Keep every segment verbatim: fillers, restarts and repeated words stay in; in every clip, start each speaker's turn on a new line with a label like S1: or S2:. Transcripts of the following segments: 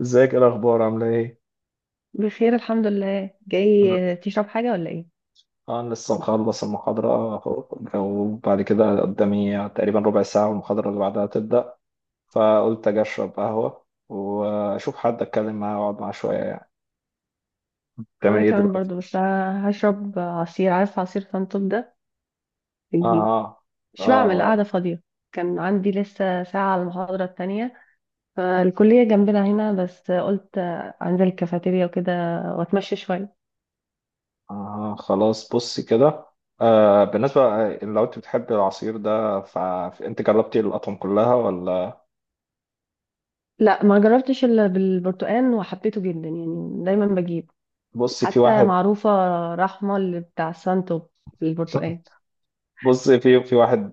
S1: ازيك، ايه الاخبار، عامله ايه؟
S2: بخير الحمد لله.
S1: انا
S2: جاي تشرب حاجة ولا ايه؟
S1: آه، انا لسه مخلص المحاضره اهو. وبعد كده قدامي تقريبا ربع ساعه والمحاضره اللي بعدها تبدا. فقلت اجي اشرب قهوه واشوف حد اتكلم معاه واقعد معاه شويه يعني. بتعمل
S2: وانا
S1: ايه
S2: كمان
S1: دلوقتي؟
S2: برضو، بس ه- هشرب عصير. عارف عصير سنتوب ده؟
S1: اه
S2: بجيب.
S1: اه. اه,
S2: مش بعمل
S1: آه.
S2: قاعدة فاضية. كان عندي لسه ساعة على المحاضرة التانية، فالكلية جنبنا هنا، بس قلت انزل الكافيتيريا وكده واتمشى شوية.
S1: آه، خلاص بصي كده. آه بالنسبه، لو انت بتحب العصير ده فانت جربتي الاطعم كلها ولا؟
S2: لا، ما جربتش الا بالبرتقال وحبيته جدا، يعني دايما بجيب،
S1: بصي في
S2: حتى
S1: واحد.
S2: معروفة رحمة اللي بتاع السنتوب البرتقال.
S1: بص في في واحد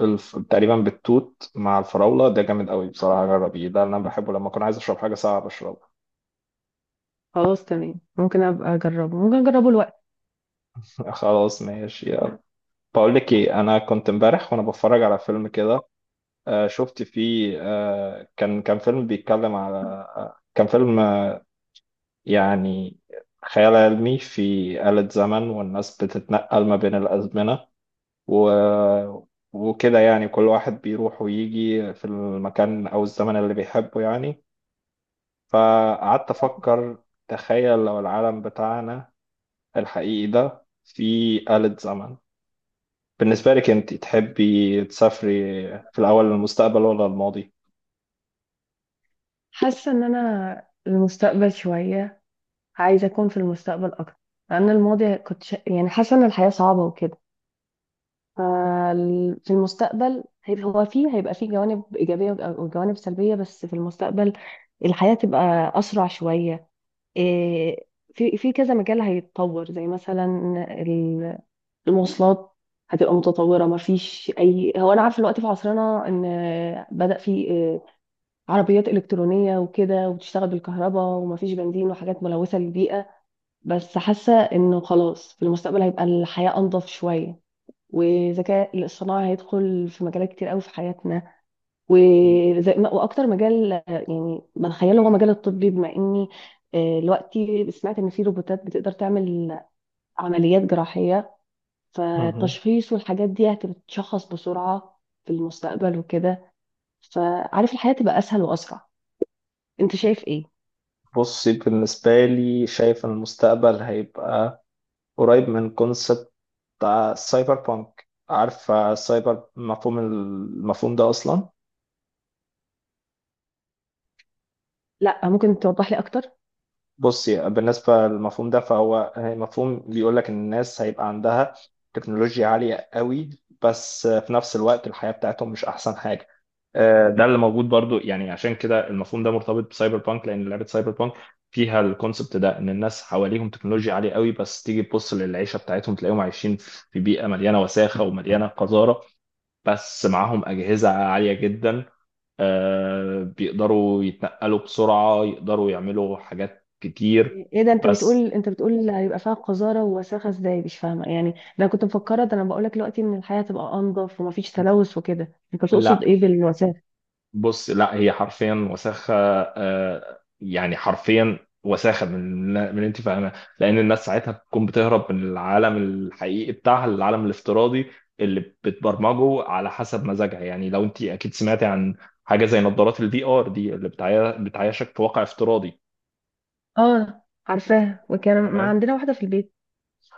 S1: بالف... تقريبا بالتوت مع الفراولة، ده جامد قوي بصراحة. جربيه، ده اللي أنا بحبه لما أكون عايز أشرب حاجة ساقعة بشربها.
S2: خلاص، تمام، ممكن ابقى اجربه، ممكن اجربه.
S1: خلاص ماشي يلا. بقول لك إيه، أنا كنت امبارح وأنا بتفرج على فيلم كده. آه شفت فيه آه كان كان فيلم بيتكلم على آه كان فيلم آه يعني خيال علمي، في آلة زمن والناس بتتنقل ما بين الأزمنة و... وكده. يعني كل واحد بيروح ويجي في المكان أو الزمن اللي بيحبه يعني. فقعدت أفكر، تخيل لو العالم بتاعنا الحقيقي ده فيه آلة زمن، بالنسبة لك أنت تحبي تسافري في الأول للمستقبل ولا الماضي؟
S2: حاسة ان انا المستقبل شوية، عايزة اكون في المستقبل اكتر. لان الماضي كنت شا... يعني حاسة ان الحياة صعبة وكده. فال- في المستقبل هيبقى هو فيه هيبقى فيه جوانب ايجابية وج- وجوانب سلبية، بس في المستقبل الحياة تبقى اسرع شوية. إيه، في في كذا مجال هيتطور، زي مثلا ال- المواصلات هتبقى متطورة، ما فيش اي، هو انا عارفة الوقت في عصرنا ان بدأ في آه، عربيات إلكترونية وكده، وبتشتغل بالكهرباء ومفيش بنزين وحاجات ملوثة للبيئة. بس حاسة إنه خلاص في المستقبل هيبقى الحياة أنظف شوية. والذكاء الاصطناعي هيدخل في مجالات كتير قوي في حياتنا. وزي ما، واكتر مجال آه، يعني بتخيله هو مجال الطبي، بما اني آه، دلوقتي سمعت ان في روبوتات بتقدر تعمل عمليات جراحية،
S1: مهم.
S2: فالتشخيص والحاجات دي هتتشخص بسرعة في المستقبل وكده. فعارف الحياة تبقى اسهل واسرع. انت شايف ايه؟
S1: بصي بالنسبة لي شايف إن المستقبل هيبقى قريب من كونسبت السايبر بانك. عارفة السايبر مفهوم المفهوم ده أصلا؟
S2: لا، ممكن توضح لي اكتر؟
S1: بصي بالنسبة للمفهوم ده، فهو مفهوم بيقول لك إن الناس هيبقى عندها تكنولوجيا عالية قوي، بس في نفس الوقت الحياة بتاعتهم مش أحسن حاجة. آه، ده اللي موجود برضو يعني، عشان كده المفهوم ده مرتبط بسايبر بانك، لأن لعبة سايبر بانك فيها الكونسبت ده، إن الناس حواليهم تكنولوجيا عالية قوي بس تيجي تبص للعيشة بتاعتهم تلاقيهم عايشين في بيئة مليانة وساخة ومليانة قذارة، بس معاهم أجهزة عالية جدا. آه، بيقدروا يتنقلوا بسرعة، يقدروا يعملوا حاجات كتير.
S2: ايه ده؟ انت
S1: بس
S2: بتقول انت بتقول هيبقى فيها قذاره ووساخه ازاي؟ مش فاهمه يعني. ده انا كنت مفكره، ده انا بقول لك دلوقتي ان الحياه تبقى انضف ومفيش تلوث وكده. انت
S1: لا،
S2: تقصد ايه بالوساخه؟
S1: بص لا، هي حرفيا وساخة. آه، يعني حرفيا وساخة، من من اللي انت فاهمها. لأن الناس ساعتها بتكون بتهرب من العالم الحقيقي بتاعها للعالم الافتراضي اللي بتبرمجه على حسب مزاجها يعني. لو انت أكيد سمعتي عن حاجة زي نظارات الفي ار دي اللي بتعي- بتعيشك في واقع افتراضي،
S2: اه، عارفاها، وكان ما
S1: تمام؟
S2: عندنا واحده في البيت.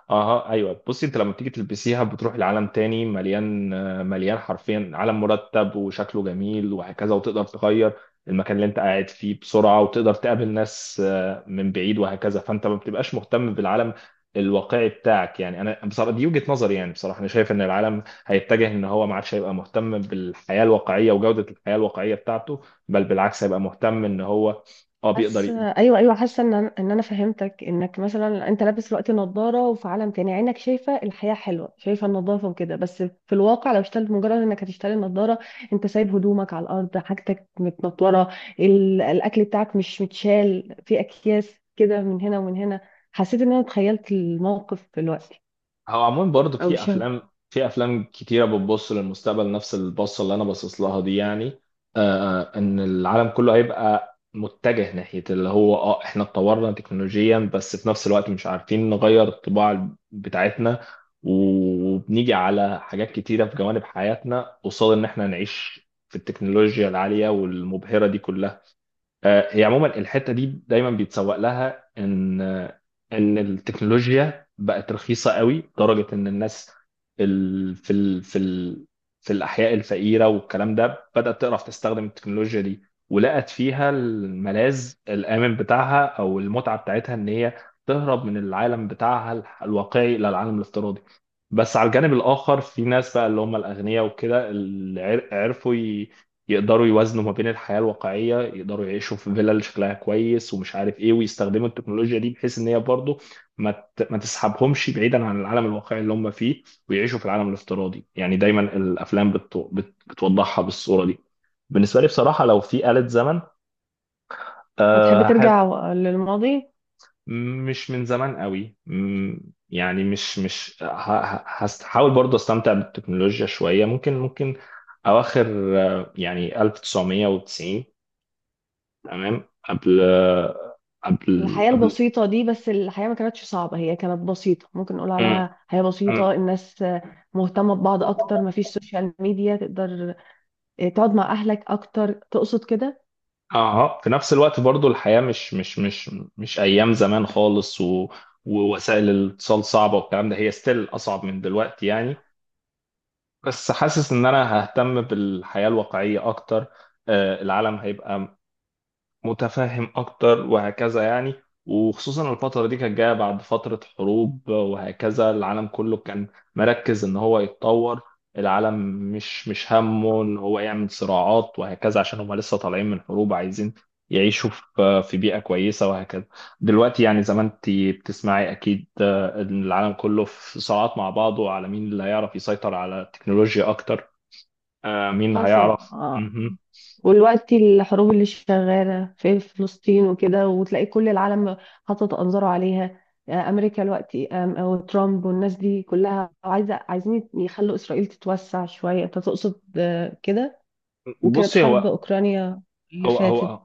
S1: اها ايوه بصي، انت لما بتيجي تلبسيها بتروح لعالم تاني مليان، آه، مليان حرفيا عالم مرتب وشكله جميل وهكذا، وتقدر تغير المكان اللي انت قاعد فيه بسرعه، وتقدر تقابل ناس آه، من بعيد وهكذا. فانت ما بتبقاش مهتم بالعالم الواقعي بتاعك يعني. انا بصراحه دي وجهه نظري. يعني بصراحه انا شايف ان العالم هيتجه ان هو ما عادش هيبقى مهتم بالحياه الواقعيه وجوده الحياه الواقعيه بتاعته، بل بالعكس هيبقى مهتم ان هو اه بيقدر.
S2: حاسه، ايوه، ايوه، حاسه ان انا ان انا فهمتك، انك مثلا انت لابس دلوقتي نظاره، وفي عالم تاني عينك شايفه الحياه حلوه، شايفه النظافه وكده، بس في الواقع لو اشتغلت، مجرد انك هتشتري النظاره انت سايب هدومك على الارض، حاجتك متنطوره، ال- الاكل بتاعك مش متشال في اكياس كده من هنا ومن هنا. حسيت ان انا تخيلت الموقف دلوقتي،
S1: هو عموما برضه
S2: او
S1: في
S2: مش عارفة.
S1: افلام في افلام كتيره بتبص للمستقبل نفس البصه اللي انا باصص لها دي يعني. آه آه، ان العالم كله هيبقى متجه ناحيه اللي هو اه احنا اتطورنا تكنولوجيا، بس في نفس الوقت مش عارفين نغير الطباع بتاعتنا، وبنيجي على حاجات كتيره في جوانب حياتنا قصاد ان احنا نعيش في التكنولوجيا العاليه والمبهره دي كلها. آه، هي عموما الحته دي دايما بيتسوق لها ان آه، ان التكنولوجيا بقت رخيصه قوي لدرجه ان الناس ال- في ال في ال في الاحياء الفقيره والكلام ده بدات تعرف تستخدم التكنولوجيا دي، ولقت فيها الملاذ الامن بتاعها او المتعه بتاعتها، ان هي تهرب من العالم بتاعها ال- الواقعي الى العالم الافتراضي. بس على الجانب الاخر في ناس بقى اللي هم الاغنياء وكده، اللي عر- عرفوا يقدروا يوازنوا ما بين الحياة الواقعية، يقدروا يعيشوا في فيلل شكلها كويس ومش عارف ايه، ويستخدموا التكنولوجيا دي بحيث ان هي برضه ما ت- ما تسحبهمش بعيدا عن العالم الواقعي اللي هم فيه ويعيشوا في العالم الافتراضي. يعني دايما الافلام بت... بت... بتوضحها بالصورة دي. بالنسبة لي بصراحة لو في آلة زمن، آه،
S2: هتحب
S1: هحب،
S2: ترجع للماضي؟
S1: مش من زمان قوي، مم، يعني مش مش ه- ه- هحاول برضه استمتع بالتكنولوجيا شوية. ممكن ممكن اواخر، آه، يعني ألف وتسعمية وتسعين، تمام، قبل قبل
S2: الحياة
S1: قبل
S2: البسيطة دي، بس الحياة ما كانتش صعبة، هي كانت بسيطة، ممكن نقول
S1: مم.
S2: عليها حياة
S1: مم.
S2: بسيطة، الناس مهتمة ببعض أكتر، ما فيش سوشيال ميديا، تقدر آه، تقعد مع أهلك أكتر. تقصد كده؟
S1: اها في نفس الوقت برضو الحياة مش مش مش مش ايام زمان خالص و... ووسائل الاتصال صعبة والكلام ده، هي ستيل اصعب من دلوقتي يعني. بس حاسس ان انا ههتم بالحياة الواقعية اكتر. آه، العالم هيبقى متفهم اكتر وهكذا يعني. وخصوصا الفترة دي كانت جاية بعد فترة حروب وهكذا، العالم كله كان مركز ان هو يتطور العالم، مش مش همه ان هو يعمل صراعات وهكذا، عشان هم لسه طالعين من حروب عايزين يعيشوا في في بيئة كويسة وهكذا. دلوقتي يعني زي ما انت بتسمعي اكيد، آه، ان العالم كله في صراعات مع بعضه على مين اللي هيعرف يسيطر على التكنولوجيا اكتر. آه، مين
S2: حصل،
S1: هيعرف.
S2: اه.
S1: مهم.
S2: والوقت الحروب اللي شغالة في فلسطين وكده، وتلاقي كل العالم حاطط أنظاره عليها. آه، أمريكا دلوقتي، أم- وترامب والناس دي كلها عايزة عايزين يخلوا إسرائيل تتوسع شوية. أنت تقصد آه، كده. وكانت
S1: بصي
S2: حرب
S1: هو
S2: أوكرانيا اللي
S1: هو
S2: فاتت.
S1: هو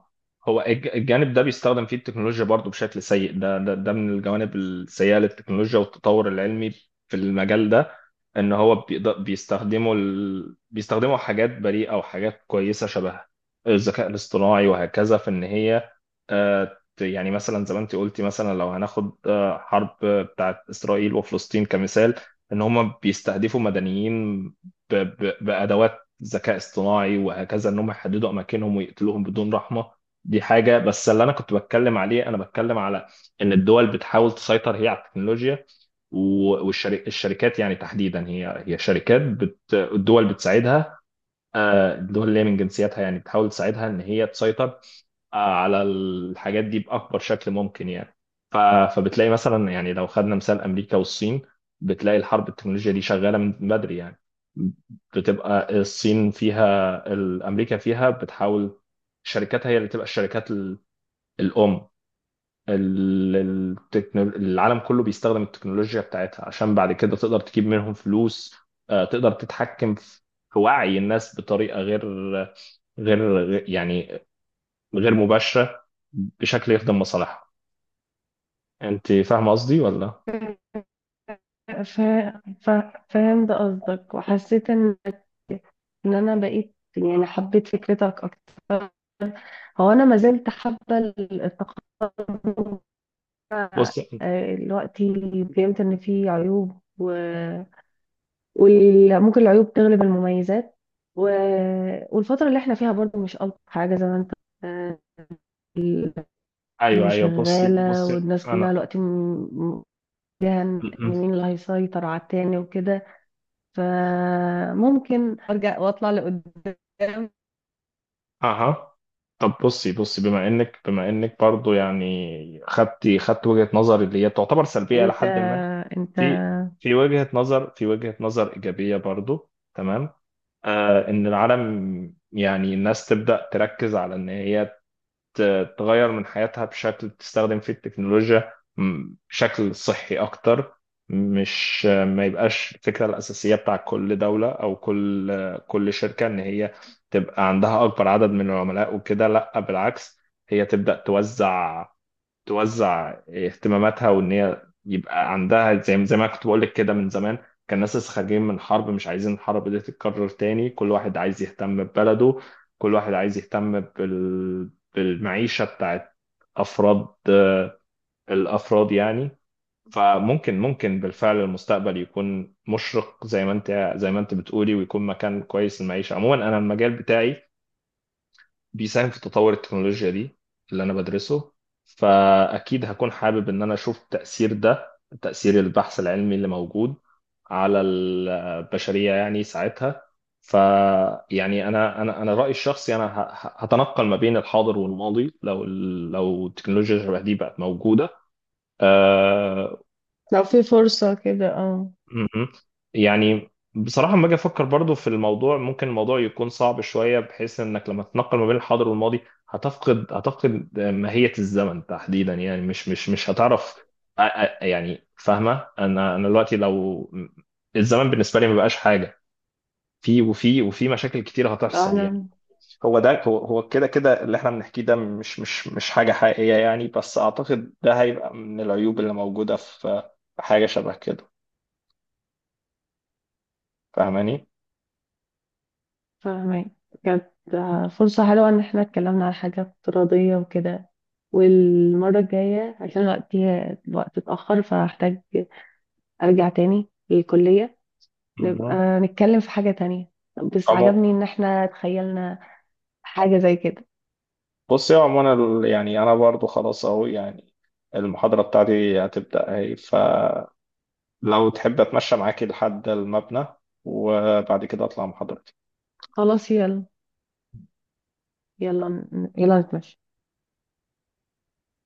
S1: هو الج- الجانب ده بيستخدم فيه التكنولوجيا برضو بشكل سيء. ده ده, ده من الجوانب السيئة للتكنولوجيا والتطور العلمي في المجال ده. ان هو بيقدر بيستخدموا ال... بيستخدموا حاجات بريئة وحاجات كويسة شبه الذكاء الاصطناعي وهكذا، في ان هي آه، ت- يعني مثلا زي ما انت قلتي، مثلا لو هناخد، آه، حرب بتاعت اسرائيل وفلسطين كمثال، ان هم بيستهدفوا مدنيين ب... ب... بأدوات ذكاء اصطناعي وهكذا، ان هم يحددوا اماكنهم ويقتلوهم بدون رحمه. دي حاجه، بس اللي انا كنت بتكلم عليه انا بتكلم على ان الدول بتحاول تسيطر هي على التكنولوجيا. والشركات يعني تحديدا هي هي شركات بت... الدول بتساعدها. آه، الدول اللي هي من جنسياتها يعني بتحاول تساعدها ان هي تسيطر، آه، على الحاجات دي باكبر شكل ممكن يعني. ف- فبتلاقي مثلا يعني لو خدنا مثال امريكا والصين، بتلاقي الحرب التكنولوجيا دي شغاله من بدري يعني. بتبقى الصين فيها، الامريكا فيها بتحاول شركاتها هي اللي تبقى الشركات ال- الام، ال- التكنول... العالم كله بيستخدم التكنولوجيا بتاعتها عشان بعد كده تقدر تجيب منهم فلوس. آه، تقدر تتحكم في في وعي الناس بطريقة غير غير غير- يعني غير مباشرة بشكل يخدم مصالحها. انت فاهمة قصدي ولا؟
S2: ف... ف... فهمت قصدك، وحسيت ان ان انا بقيت، يعني حبيت فكرتك اكتر. هو انا ما زلت حابه ال- التقدم ده.
S1: بص،
S2: آه، دلوقتي فهمت ان في عيوب، و... وممكن العيوب تغلب المميزات، و... والفتره اللي احنا فيها برضو مش الطف حاجه، زي ما انت، آه،
S1: ايوه
S2: اللي
S1: ايوه. بصي
S2: شغاله،
S1: بصي
S2: والناس كلها
S1: انا
S2: دلوقتي م... م- فيها ان
S1: م- م.
S2: مين اللي هيسيطر على التاني وكده. فممكن ارجع واطلع لقدام.
S1: اها طب بصي بصي بما انك بما انك برضو يعني خدتي خدت وجهة نظري اللي هي تعتبر سلبية
S2: انت
S1: لحد ما،
S2: انت
S1: في في وجهة نظر في وجهة نظر إيجابية برضو، تمام؟ آه، إن العالم يعني الناس تبدأ تركز على إن هي ت- تغير من حياتها بشكل تستخدم فيه التكنولوجيا م- بشكل صحي أكتر. مش آه، ما يبقاش الفكرة الأساسية بتاع كل دولة أو كل، آه، كل شركة، إن هي تبقى عندها أكبر عدد من العملاء وكده. لأ بالعكس، هي تبدأ توزع توزع اهتماماتها، وان هي يبقى عندها، زي زي ما كنت بقول لك كده، من زمان كان الناس لسه خارجين من حرب مش عايزين الحرب دي تتكرر تاني. كل واحد عايز يهتم ببلده، كل واحد عايز يهتم بال... بالمعيشة بتاعت أفراد، آه، الأفراد يعني. فممكن ممكن بالفعل المستقبل يكون مشرق زي ما انت زي ما انت بتقولي، ويكون مكان كويس للمعيشة عموما. انا المجال بتاعي بيساهم في تطور التكنولوجيا دي اللي أنا بدرسه، فأكيد هكون حابب إن أنا أشوف تأثير ده، تأثير البحث العلمي اللي موجود على البشرية يعني ساعتها. فيعني أنا أنا أنا رأيي الشخصي أنا ه- ه- هتنقل ما بين الحاضر والماضي لو ال- لو التكنولوجيا شبه دي بقت موجودة. آه،
S2: لو في فرصة كده، اه.
S1: مهم. يعني بصراحة لما أجي أفكر برضو في الموضوع، ممكن الموضوع يكون صعب شوية بحيث إنك لما تنقل ما بين الحاضر والماضي هتفقد هتفقد ماهية الزمن تحديدا. يعني مش مش مش هتعرف أ- أ- يعني فاهمة، أنا أنا دلوقتي لو الزمن بالنسبة لي ما بقاش حاجة، في وفي وفي مشاكل كتير
S2: لو
S1: هتحصل يعني.
S2: احنا
S1: هو ده، هو هو كده كده اللي احنا بنحكيه ده مش مش مش حاجة حقيقية يعني، بس اعتقد ده هيبقى من العيوب اللي موجودة في في حاجة شبه كده. فاهماني؟
S2: فاهمين. كانت فرصة حلوة ان احنا اتكلمنا على حاجة افتراضية وكده. والمرة الجاية، عشان وقتي، الوقت اتأخر، فهحتاج ارجع تاني للكلية. نبقى نتكلم في حاجة تانية. بس
S1: عمو.
S2: عجبني ان احنا تخيلنا حاجة زي كده.
S1: بص يا عمو، انا ال- يعني انا برضو خلاص اهو يعني، المحاضرة بتاعتي هتبدأ اهي. فلو تحب اتمشى معاكي لحد المبنى وبعد كده اطلع محاضرة.
S2: خلاص، يلا يلا يلا نتمشى.